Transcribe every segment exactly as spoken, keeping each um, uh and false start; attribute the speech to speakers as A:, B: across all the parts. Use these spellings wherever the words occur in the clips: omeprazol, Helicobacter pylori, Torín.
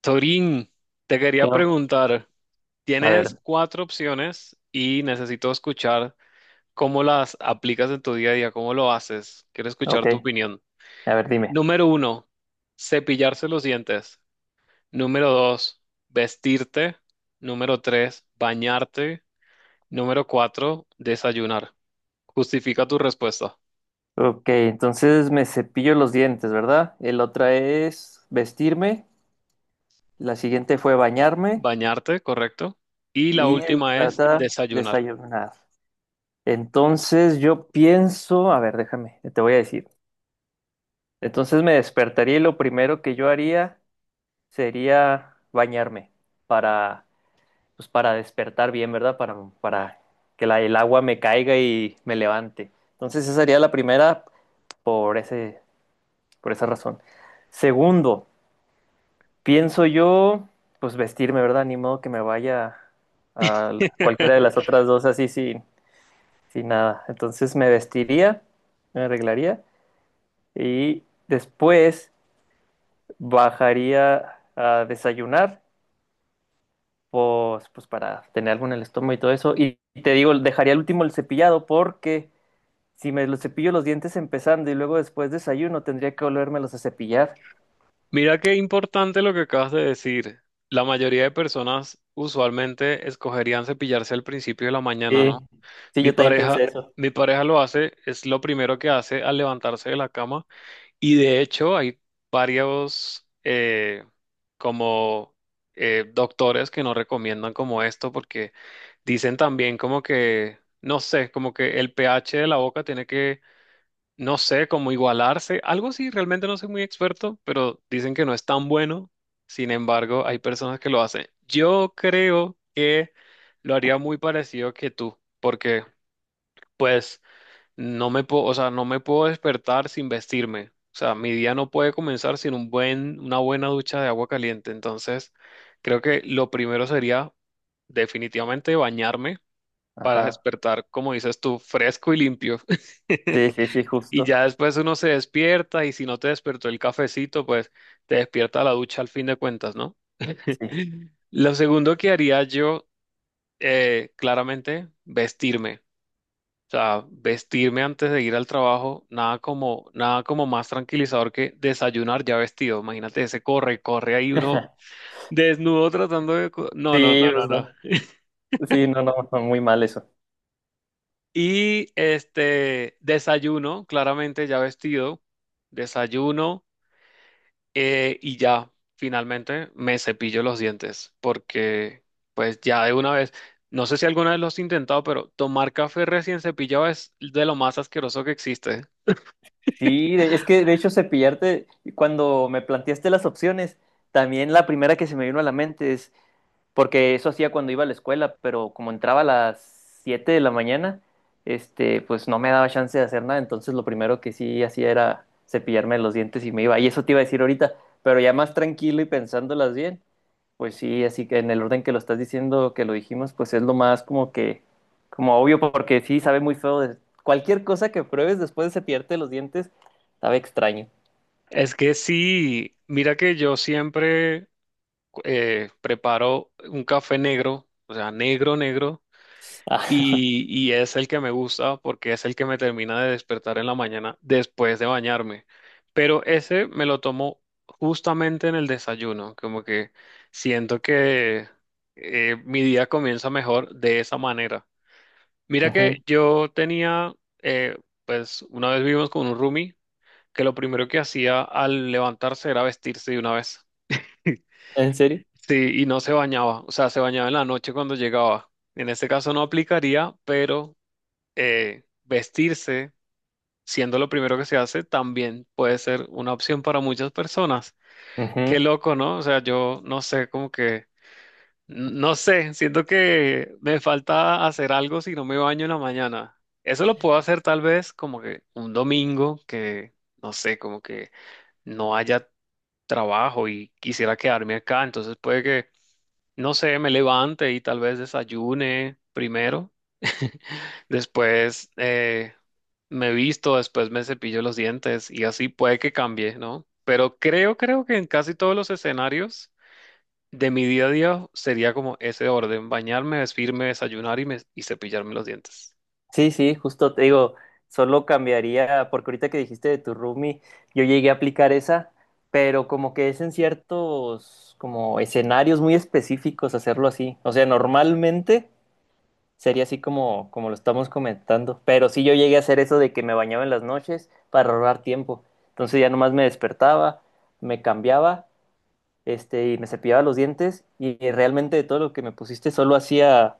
A: Torín, te quería
B: ¿Qué on-
A: preguntar,
B: A
A: tienes
B: ver,
A: cuatro opciones y necesito escuchar cómo las aplicas en tu día a día, cómo lo haces. Quiero escuchar
B: ok,
A: tu opinión.
B: a ver, dime.
A: Número uno, cepillarse los dientes. Número dos, vestirte. Número tres, bañarte. Número cuatro, desayunar. Justifica tu respuesta.
B: Ok, entonces me cepillo los dientes, ¿verdad? El otra es vestirme, la siguiente fue bañarme
A: Bañarte, correcto. Y la
B: y el-
A: última
B: la
A: es
B: otra
A: desayunar.
B: desayunar. Entonces yo pienso, a ver, déjame, te voy a decir. Entonces me despertaría y lo primero que yo haría sería bañarme para, pues para despertar bien, ¿verdad? Para, para que la, el agua me caiga y me levante. Entonces esa sería la primera por ese, por esa razón. Segundo, pienso yo, pues vestirme, ¿verdad? Ni modo que me vaya a la- cualquiera de las otras dos así sin, sin nada. Entonces me vestiría, me arreglaría y después bajaría a desayunar, pues, pues para tener algo en el estómago y todo eso. Y te digo, dejaría al último el cepillado porque si me los cepillo los dientes empezando y luego después desayuno, tendría que volvérmelos a cepillar.
A: Mira qué importante lo que acabas de decir. La mayoría de personas usualmente escogerían cepillarse al principio de la mañana,
B: Sí,
A: ¿no?
B: sí,
A: Mi
B: yo también
A: pareja,
B: pensé eso.
A: mi pareja lo hace, es lo primero que hace al levantarse de la cama. Y de hecho hay varios eh, como eh, doctores que no recomiendan como esto porque dicen también como que, no sé, como que el pH de la boca tiene que no sé, como igualarse, algo sí, realmente no soy muy experto, pero dicen que no es tan bueno. Sin embargo, hay personas que lo hacen. Yo creo que lo haría muy parecido que tú, porque pues no me puedo, o sea, no me puedo despertar sin vestirme. O sea, mi día no puede comenzar sin un buen, una buena ducha de agua caliente. Entonces, creo que lo primero sería definitivamente bañarme para
B: Ajá.
A: despertar, como dices tú, fresco y limpio.
B: Sí, sí, sí,
A: Y
B: justo.
A: ya después uno se despierta y si no te despertó el cafecito, pues te despierta la ducha al fin de cuentas, ¿no?
B: Sí.
A: Lo segundo que haría yo, eh, claramente, vestirme. O sea, vestirme antes de ir al trabajo, nada como, nada como más tranquilizador que desayunar ya vestido. Imagínate ese corre, corre ahí uno desnudo tratando de... co- No, no,
B: Sí,
A: no, no,
B: justo.
A: no.
B: Sí, no, no, no, muy mal eso.
A: Y este, desayuno, claramente ya vestido. Desayuno. Eh, y ya, finalmente me cepillo los dientes, porque pues ya de una vez, no sé si alguna vez lo has intentado, pero tomar café recién cepillado es de lo más asqueroso que existe.
B: Sí, de- es que de hecho cepillarte, cuando me planteaste las opciones, también la primera que se me vino a la mente es, porque eso hacía cuando iba a la escuela, pero como entraba a las siete de la mañana, este, pues no me daba chance de hacer nada, entonces lo primero que sí hacía era cepillarme los dientes y me iba. Y eso te iba a decir ahorita, pero ya más tranquilo y pensándolas bien, pues sí, así que en el orden que lo estás diciendo, que lo dijimos, pues es lo más como que, como obvio, porque sí sabe muy feo. De- cualquier cosa que pruebes después de cepillarte los dientes, sabe extraño.
A: Es que sí, mira que yo siempre eh, preparo un café negro, o sea, negro, negro.
B: Ah,
A: Y, y es el que me gusta porque es el que me termina de despertar en la mañana después de bañarme. Pero ese me lo tomo justamente en el desayuno, como que siento que eh, mi día comienza mejor de esa manera. Mira que
B: ujú.
A: yo tenía, eh, pues una vez vivimos con un roomie que lo primero que hacía al levantarse era vestirse de una vez.
B: ¿En serio?
A: Sí, y no se bañaba, o sea, se bañaba en la noche cuando llegaba. En este caso no aplicaría, pero eh, vestirse, siendo lo primero que se hace, también puede ser una opción para muchas personas. Qué
B: Ujú.
A: loco, ¿no? O sea, yo no sé, como que, n- no sé, siento que me falta hacer algo si no me baño en la mañana. Eso lo puedo hacer tal vez como que un domingo que, no sé, como que no haya trabajo y quisiera quedarme acá, entonces puede que no sé, me levante y tal vez desayune primero. Después eh, me visto, después me cepillo los dientes y así puede que cambie, ¿no? Pero creo, creo que en casi todos los escenarios de mi día a día sería como ese orden, bañarme, vestirme, desayunar y, me- y cepillarme los dientes.
B: Sí, sí, justo te digo, solo cambiaría, porque ahorita que dijiste de tu roomie, yo llegué a aplicar esa, pero como que es en ciertos como escenarios muy específicos hacerlo así. O sea, normalmente sería así como, como lo estamos comentando. Pero sí yo llegué a hacer eso de que me bañaba en las noches para ahorrar tiempo. Entonces ya nomás me despertaba, me cambiaba, este, y me cepillaba los dientes. Y realmente de todo lo que me pusiste solo hacía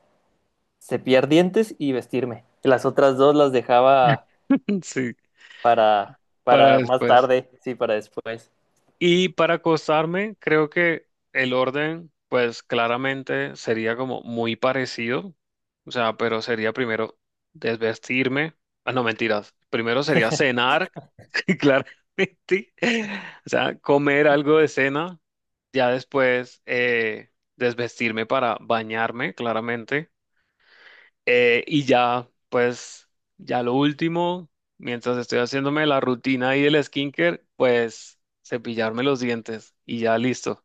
B: cepillar dientes y vestirme. Las otras dos las dejaba
A: Sí,
B: para,
A: para
B: para más
A: después.
B: tarde, sí, para después.
A: Y para acostarme, creo que el orden, pues claramente sería como muy parecido. O sea, pero sería primero desvestirme. Ah, no, mentiras. Primero sería cenar, claramente. O sea, comer algo de cena. Ya después eh, desvestirme para bañarme, claramente. Eh, y ya, pues, ya lo último, mientras estoy haciéndome la rutina y el skincare, pues cepillarme los dientes y ya listo.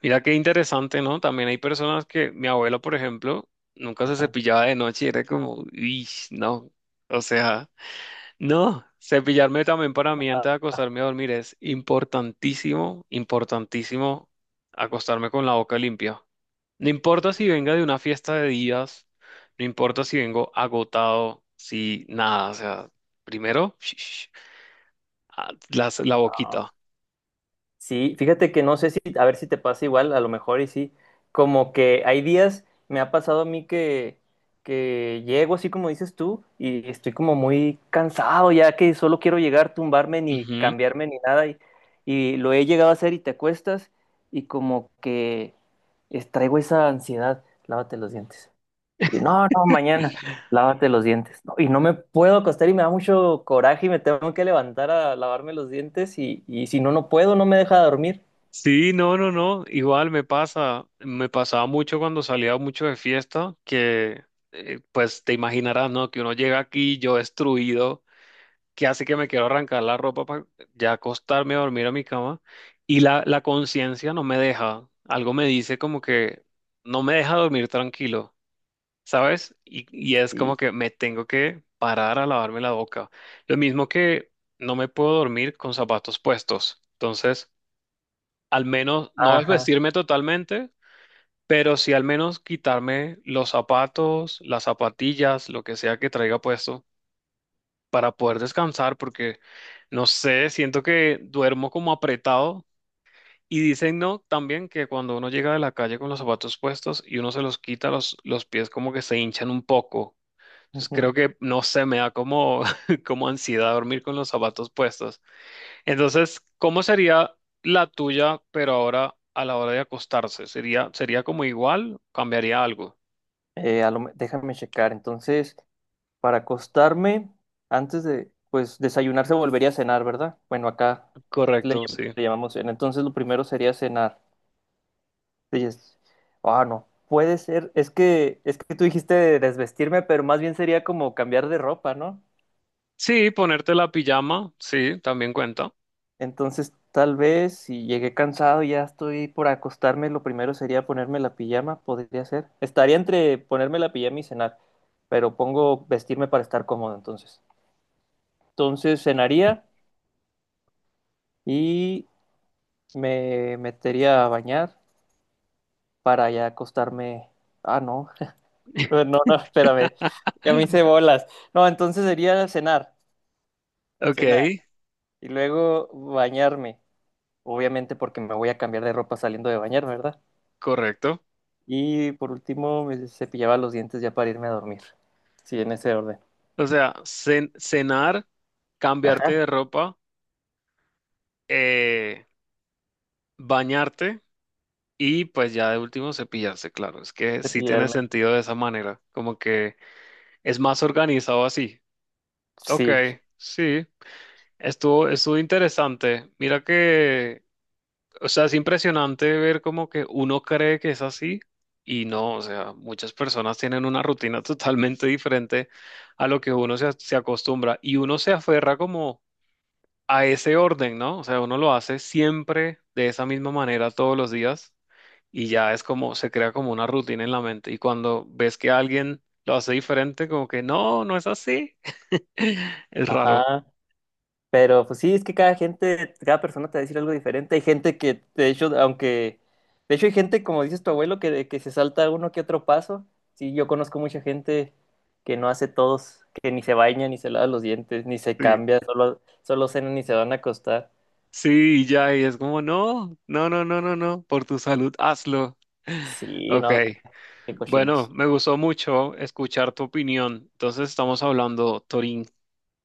A: Mira qué interesante, ¿no? También hay personas que, mi abuela, por ejemplo, nunca se cepillaba de noche y era como, uy, no. O sea, no, cepillarme también para mí antes de acostarme a dormir es importantísimo, importantísimo acostarme con la boca limpia. No importa si venga de una fiesta de días, no importa si vengo agotado, si nada, o sea, primero ah, las- la, boquita.
B: Ajá. Sí, fíjate que no sé si, a ver si te pasa igual, a lo mejor y sí, como que hay días, me ha pasado a mí que, que llego así como dices tú y estoy como muy cansado ya que solo quiero llegar, tumbarme ni
A: Ujú.
B: cambiarme ni nada y, y lo he llegado a hacer y te acuestas y como que es- traigo esa ansiedad, lávate los dientes. Y no, no, mañana, lávate los dientes. No, y no me puedo acostar y me da mucho coraje y me tengo que levantar a lavarme los dientes y, y si no, no puedo, no me deja dormir.
A: Sí, no, no, no, igual me pasa, me pasaba mucho cuando salía mucho de fiesta, que eh, pues te imaginarás, ¿no? Que uno llega aquí yo destruido que hace que me quiero arrancar la ropa para ya acostarme a dormir a mi cama y la, la conciencia no me deja, algo me dice como que no me deja dormir tranquilo, ¿sabes? Y, y es como
B: Sí,
A: que me tengo que parar a lavarme la boca. Lo mismo que no me puedo dormir con zapatos puestos. Entonces, al menos no es
B: ajá.
A: vestirme totalmente. Pero sí al menos quitarme los zapatos, las zapatillas, lo que sea que traiga puesto para poder descansar, porque no sé, siento que duermo como apretado. Y dicen, no, también que cuando uno llega de la calle con los zapatos puestos y uno se los quita, los, los pies como que se hinchan un poco. Entonces
B: Ujú.
A: creo que, no sé, me da como, como ansiedad dormir con los zapatos puestos. Entonces, ¿cómo sería la tuya, pero ahora a la hora de acostarse? ¿Sería, sería como igual? ¿Cambiaría algo?
B: Eh, a lo me- déjame checar. Entonces, para acostarme, antes de, pues, desayunar se volvería a cenar, ¿verdad? Bueno, acá le,
A: Correcto,
B: llam-
A: sí.
B: le llamamos cena. Entonces, lo primero sería cenar. Sí, es- Ah, no. Puede ser, es que, es que tú dijiste desvestirme, pero más bien sería como cambiar de ropa, ¿no?
A: Sí, ponerte la pijama, sí, también cuenta.
B: Entonces, tal vez si llegué cansado y ya estoy por acostarme, lo primero sería ponerme la pijama, podría ser. Estaría entre ponerme la pijama y cenar, pero pongo vestirme para estar cómodo entonces. Entonces, cenaría y me metería a bañar para ya acostarme. Ah, no, no, no, espérame, ya me hice bolas. No, entonces sería cenar,
A: Ok,
B: cenar y luego bañarme, obviamente porque me voy a cambiar de ropa saliendo de bañar, ¿verdad?
A: correcto.
B: Y por último, me cepillaba los dientes ya para irme a dormir. Sí, en ese orden.
A: O sea, cen- cenar, cambiarte de
B: Ajá,
A: ropa, eh, bañarte y pues ya de último cepillarse, claro. Es que sí tiene
B: cepillarme.
A: sentido de esa manera, como que es más organizado así. Ok,
B: Sí,
A: sí, estuvo, estuvo interesante. Mira que, o sea, es impresionante ver como que uno cree que es así y no, o sea, muchas personas tienen una rutina totalmente diferente a lo que uno se, se acostumbra y uno se aferra como a ese orden, ¿no? O sea, uno lo hace siempre de esa misma manera todos los días y ya es como, se crea como una rutina en la mente. Y cuando ves que alguien lo hace diferente, como que no, no es así. Es raro.
B: ajá. Pero pues sí, es que cada gente, cada persona te va a decir algo diferente. Hay gente que, de hecho, aunque, de hecho hay gente, como dices tu abuelo, que, que se salta uno que otro paso. Sí, yo conozco mucha gente que no hace todos, que ni se baña, ni se lava los dientes, ni se
A: Sí,
B: cambia, solo, solo cenan y se van a acostar.
A: sí, y ya, y es como, no, no, no, no, no, no, por tu salud, hazlo.
B: Sí,
A: Ok,
B: no, qué, qué
A: bueno,
B: cochinos.
A: me gustó mucho escuchar tu opinión. Entonces estamos hablando, Torín,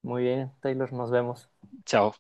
B: Muy bien, Taylor, nos vemos.
A: chao.